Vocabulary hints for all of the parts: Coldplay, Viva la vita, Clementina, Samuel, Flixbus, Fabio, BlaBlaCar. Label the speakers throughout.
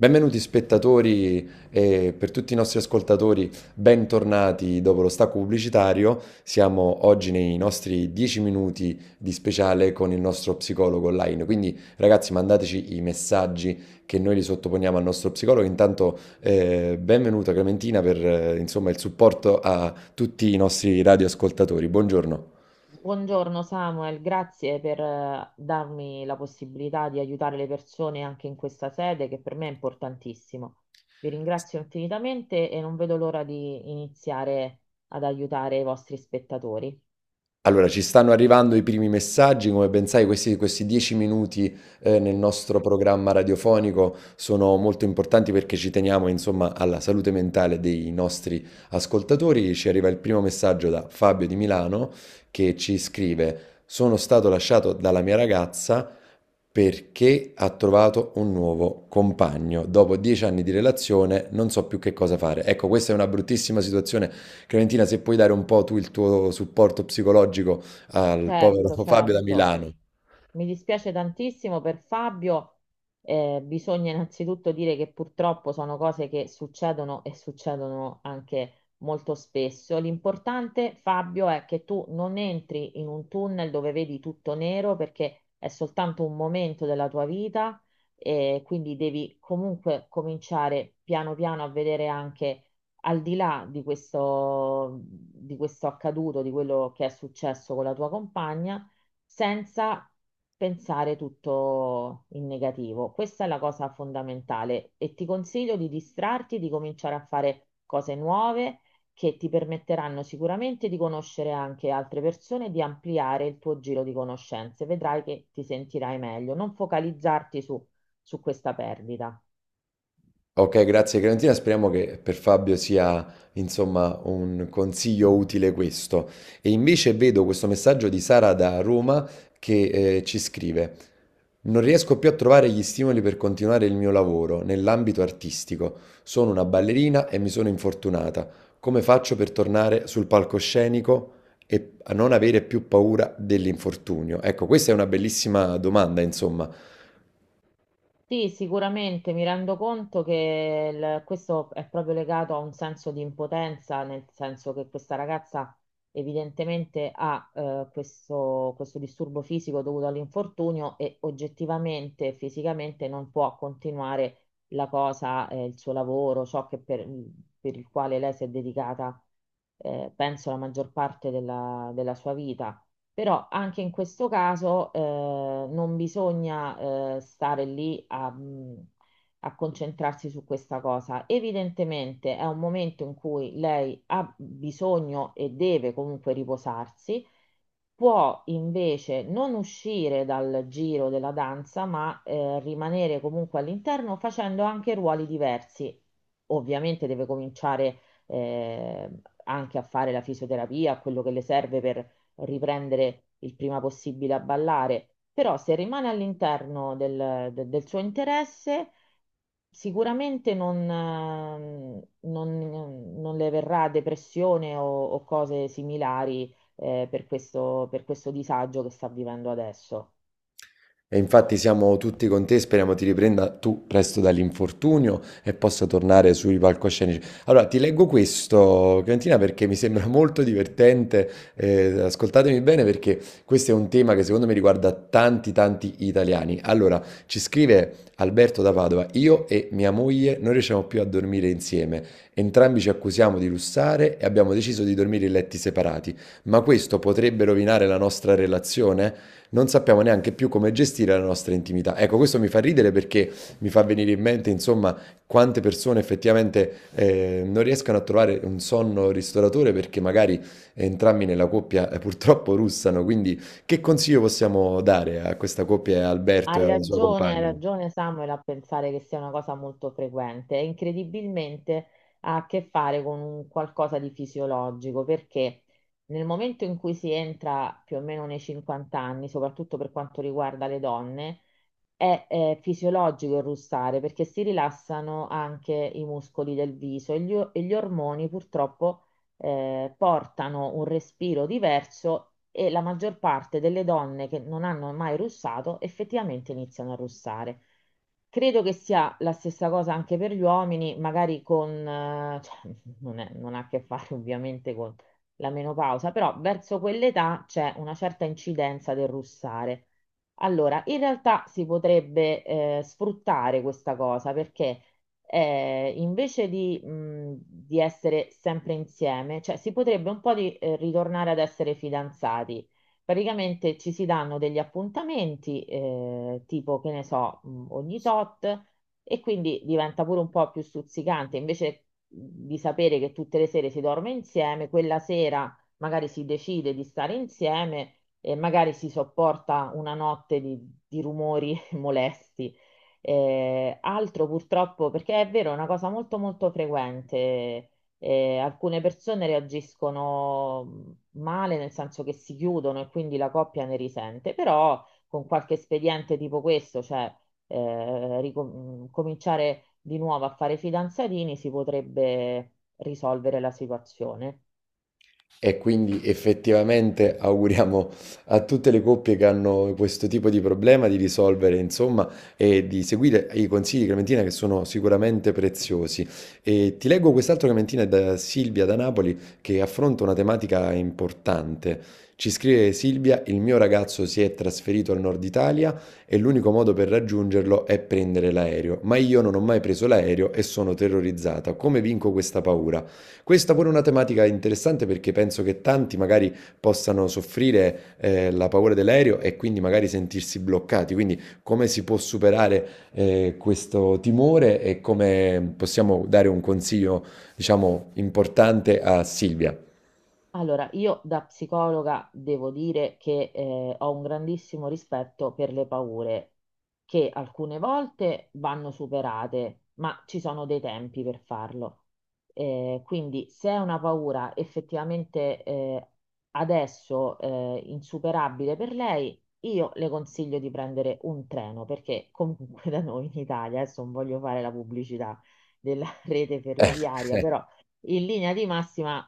Speaker 1: Benvenuti spettatori e per tutti i nostri ascoltatori, bentornati dopo lo stacco pubblicitario. Siamo oggi nei nostri 10 minuti di speciale con il nostro psicologo online. Quindi ragazzi mandateci i messaggi che noi li sottoponiamo al nostro psicologo. Intanto benvenuta Clementina per insomma, il supporto a tutti i nostri radioascoltatori. Buongiorno.
Speaker 2: Buongiorno Samuel, grazie per darmi la possibilità di aiutare le persone anche in questa sede che per me è importantissimo. Vi ringrazio infinitamente e non vedo l'ora di iniziare ad aiutare i vostri spettatori.
Speaker 1: Allora, ci stanno arrivando i primi messaggi, come ben sai questi 10 minuti, nel nostro programma radiofonico sono molto importanti perché ci teniamo insomma alla salute mentale dei nostri ascoltatori. Ci arriva il primo messaggio da Fabio di Milano che ci scrive: "Sono stato lasciato dalla mia ragazza perché ha trovato un nuovo compagno. Dopo 10 anni di relazione non so più che cosa fare". Ecco, questa è una bruttissima situazione Clementina, se puoi dare un po' tu il tuo supporto psicologico al povero
Speaker 2: Certo,
Speaker 1: Fabio da
Speaker 2: certo.
Speaker 1: Milano.
Speaker 2: Mi dispiace tantissimo per Fabio. Bisogna innanzitutto dire che purtroppo sono cose che succedono e succedono anche molto spesso. L'importante, Fabio, è che tu non entri in un tunnel dove vedi tutto nero perché è soltanto un momento della tua vita e quindi devi comunque cominciare piano piano a vedere anche al di là di questo accaduto, di quello che è successo con la tua compagna senza pensare tutto in negativo. Questa è la cosa fondamentale e ti consiglio di distrarti, di cominciare a fare cose nuove che ti permetteranno sicuramente di conoscere anche altre persone e di ampliare il tuo giro di conoscenze. Vedrai che ti sentirai meglio, non focalizzarti su questa perdita.
Speaker 1: Ok, grazie Clementina, speriamo che per Fabio sia insomma un consiglio utile questo. E invece vedo questo messaggio di Sara da Roma che ci scrive: non riesco più a trovare gli stimoli per continuare il mio lavoro nell'ambito artistico. Sono una ballerina e mi sono infortunata. Come faccio per tornare sul palcoscenico e a non avere più paura dell'infortunio? Ecco, questa è una bellissima domanda, insomma.
Speaker 2: Sì, sicuramente mi rendo conto che questo è proprio legato a un senso di impotenza, nel senso che questa ragazza evidentemente ha questo disturbo fisico dovuto all'infortunio e oggettivamente, fisicamente non può continuare la cosa, il suo lavoro, ciò che per il quale lei si è dedicata, penso, la maggior parte della sua vita. Però anche in questo caso non bisogna stare lì a, a concentrarsi su questa cosa. Evidentemente è un momento in cui lei ha bisogno e deve comunque riposarsi, può invece non uscire dal giro della danza, ma rimanere comunque all'interno facendo anche ruoli diversi. Ovviamente deve cominciare eh, anche a fare la fisioterapia, quello che le serve per riprendere il prima possibile a ballare, però se rimane all'interno del, del suo interesse. Sicuramente non le verrà depressione o cose similari per questo disagio che sta vivendo adesso.
Speaker 1: E infatti siamo tutti con te, speriamo ti riprenda tu presto dall'infortunio e possa tornare sui palcoscenici. Allora, ti leggo questo, Clementina, perché mi sembra molto divertente. Ascoltatemi bene perché questo è un tema che secondo me riguarda tanti, tanti italiani. Allora, ci scrive Alberto da Padova, io e mia moglie non riusciamo più a dormire insieme. Entrambi ci accusiamo di lussare e abbiamo deciso di dormire in letti separati. Ma questo potrebbe rovinare la nostra relazione? Non sappiamo neanche più come gestire la nostra intimità. Ecco, questo mi fa ridere perché mi fa venire in mente, insomma, quante persone effettivamente non riescono a trovare un sonno ristoratore perché magari entrambi nella coppia purtroppo russano. Quindi, che consiglio possiamo dare a questa coppia e a Alberto e alla sua
Speaker 2: Hai
Speaker 1: compagna?
Speaker 2: ragione Samuel a pensare che sia una cosa molto frequente. E incredibilmente ha a che fare con un qualcosa di fisiologico, perché nel momento in cui si entra più o meno nei 50 anni, soprattutto per quanto riguarda le donne, fisiologico il russare perché si rilassano anche i muscoli del viso e e gli ormoni purtroppo portano un respiro diverso e la maggior parte delle donne che non hanno mai russato effettivamente iniziano a russare. Credo che sia la stessa cosa anche per gli uomini, magari cioè, non ha a che fare ovviamente con la menopausa, però verso quell'età c'è una certa incidenza del russare. Allora, in realtà si potrebbe sfruttare questa cosa perché invece di essere sempre insieme, cioè si potrebbe un po' ritornare ad essere fidanzati. Praticamente ci si danno degli appuntamenti, tipo che ne so, ogni tot, e quindi diventa pure un po' più stuzzicante. Invece di sapere che tutte le sere si dorme insieme, quella sera magari si decide di stare insieme e magari si sopporta una notte di rumori molesti. Altro purtroppo, perché è vero, è una cosa molto molto frequente. Eh, alcune persone reagiscono male, nel senso che si chiudono e quindi la coppia ne risente, però con qualche espediente tipo questo, cioè cominciare di nuovo a fare fidanzatini, si potrebbe risolvere la situazione.
Speaker 1: E quindi effettivamente auguriamo a tutte le coppie che hanno questo tipo di problema di risolvere, insomma, e di seguire i consigli di Clementina che sono sicuramente preziosi. E ti leggo quest'altro Clementina da Silvia da Napoli che affronta una tematica importante. Ci scrive Silvia, il mio ragazzo si è trasferito al nord Italia e l'unico modo per raggiungerlo è prendere l'aereo, ma io non ho mai preso l'aereo e sono terrorizzata. Come vinco questa paura? Questa pure è una tematica interessante perché penso che tanti magari possano soffrire la paura dell'aereo e quindi magari sentirsi bloccati. Quindi come si può superare questo timore e come possiamo dare un consiglio, diciamo, importante a Silvia?
Speaker 2: Allora, io da psicologa devo dire che ho un grandissimo rispetto per le paure, che alcune volte vanno superate, ma ci sono dei tempi per farlo. Quindi, se è una paura effettivamente adesso insuperabile per lei, io le consiglio di prendere un treno, perché comunque da noi in Italia, adesso non voglio fare la pubblicità della rete
Speaker 1: Eh,
Speaker 2: ferroviaria,
Speaker 1: eh,
Speaker 2: però in linea di massima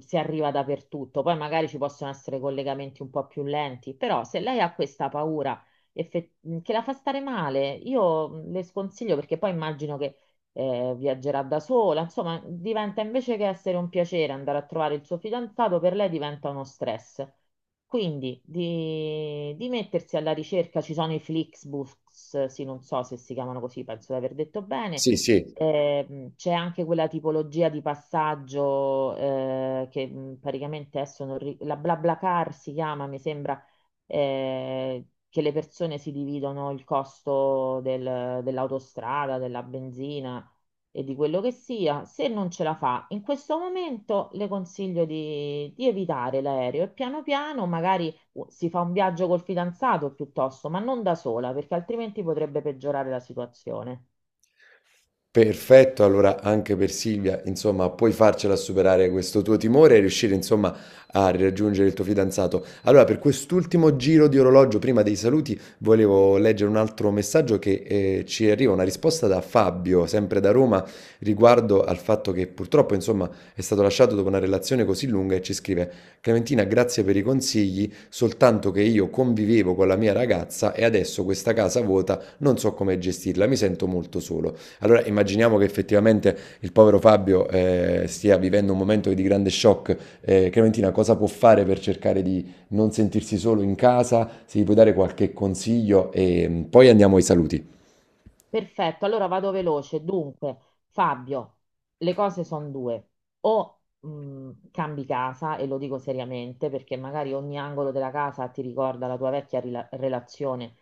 Speaker 2: si arriva dappertutto. Poi magari ci possono essere collegamenti un po' più lenti, però se lei ha questa paura effe- che la fa stare male, io le sconsiglio perché poi immagino che viaggerà da sola, insomma, diventa invece che essere un piacere andare a trovare il suo fidanzato, per lei diventa uno stress. Quindi di mettersi alla ricerca, ci sono i Flixbus, sì, non so se si chiamano così, penso di aver detto bene.
Speaker 1: sì, sì.
Speaker 2: C'è anche quella tipologia di passaggio che praticamente adesso non ri- la BlaBlaCar si chiama, mi sembra, che le persone si dividono il costo dell'autostrada, della benzina e di quello che sia. Se non ce la fa, in questo momento le consiglio di evitare l'aereo e piano piano magari si fa un viaggio col fidanzato piuttosto, ma non da sola, perché altrimenti potrebbe peggiorare la situazione.
Speaker 1: Perfetto, allora anche per Silvia, insomma, puoi farcela superare questo tuo timore e riuscire, insomma, a raggiungere il tuo fidanzato. Allora, per quest'ultimo giro di orologio, prima dei saluti, volevo leggere un altro messaggio che ci arriva, una risposta da Fabio, sempre da Roma, riguardo al fatto che purtroppo, insomma, è stato lasciato dopo una relazione così lunga e ci scrive: Clementina, grazie per i consigli, soltanto che io convivevo con la mia ragazza e adesso questa casa vuota non so come gestirla, mi sento molto solo. Allora immaginiamo che effettivamente il povero Fabio stia vivendo un momento di grande shock. Clementina, cosa può fare per cercare di non sentirsi solo in casa? Se gli puoi dare qualche consiglio e mm, poi andiamo ai saluti.
Speaker 2: Perfetto, allora vado veloce. Dunque, Fabio, le cose sono due. O cambi casa, e lo dico seriamente, perché magari ogni angolo della casa ti ricorda la tua vecchia relazione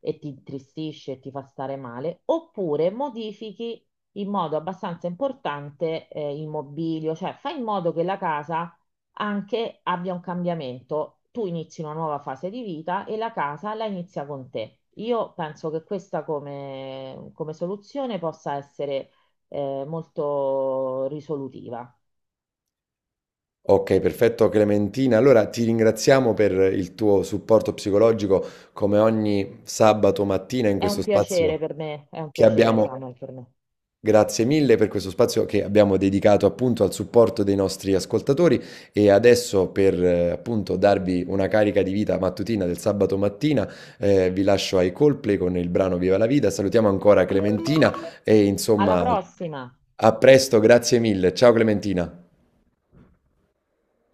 Speaker 2: e ti intristisce e ti fa stare male, oppure modifichi in modo abbastanza importante il mobilio, cioè fai in modo che la casa anche abbia un cambiamento. Tu inizi una nuova fase di vita e la casa la inizia con te. Io penso che questa come soluzione possa essere molto risolutiva.
Speaker 1: Ok, perfetto Clementina. Allora ti ringraziamo per il tuo supporto psicologico come ogni sabato mattina in
Speaker 2: È
Speaker 1: questo
Speaker 2: un piacere
Speaker 1: spazio
Speaker 2: per me, è un
Speaker 1: che
Speaker 2: piacere,
Speaker 1: abbiamo.
Speaker 2: Samuel, per me.
Speaker 1: Grazie mille per questo spazio che abbiamo dedicato appunto al supporto dei nostri ascoltatori e adesso per appunto darvi una carica di vita mattutina del sabato mattina vi lascio ai Coldplay con il brano Viva la vita. Salutiamo ancora Clementina e
Speaker 2: Alla
Speaker 1: insomma
Speaker 2: prossima!
Speaker 1: a presto, grazie mille. Ciao Clementina.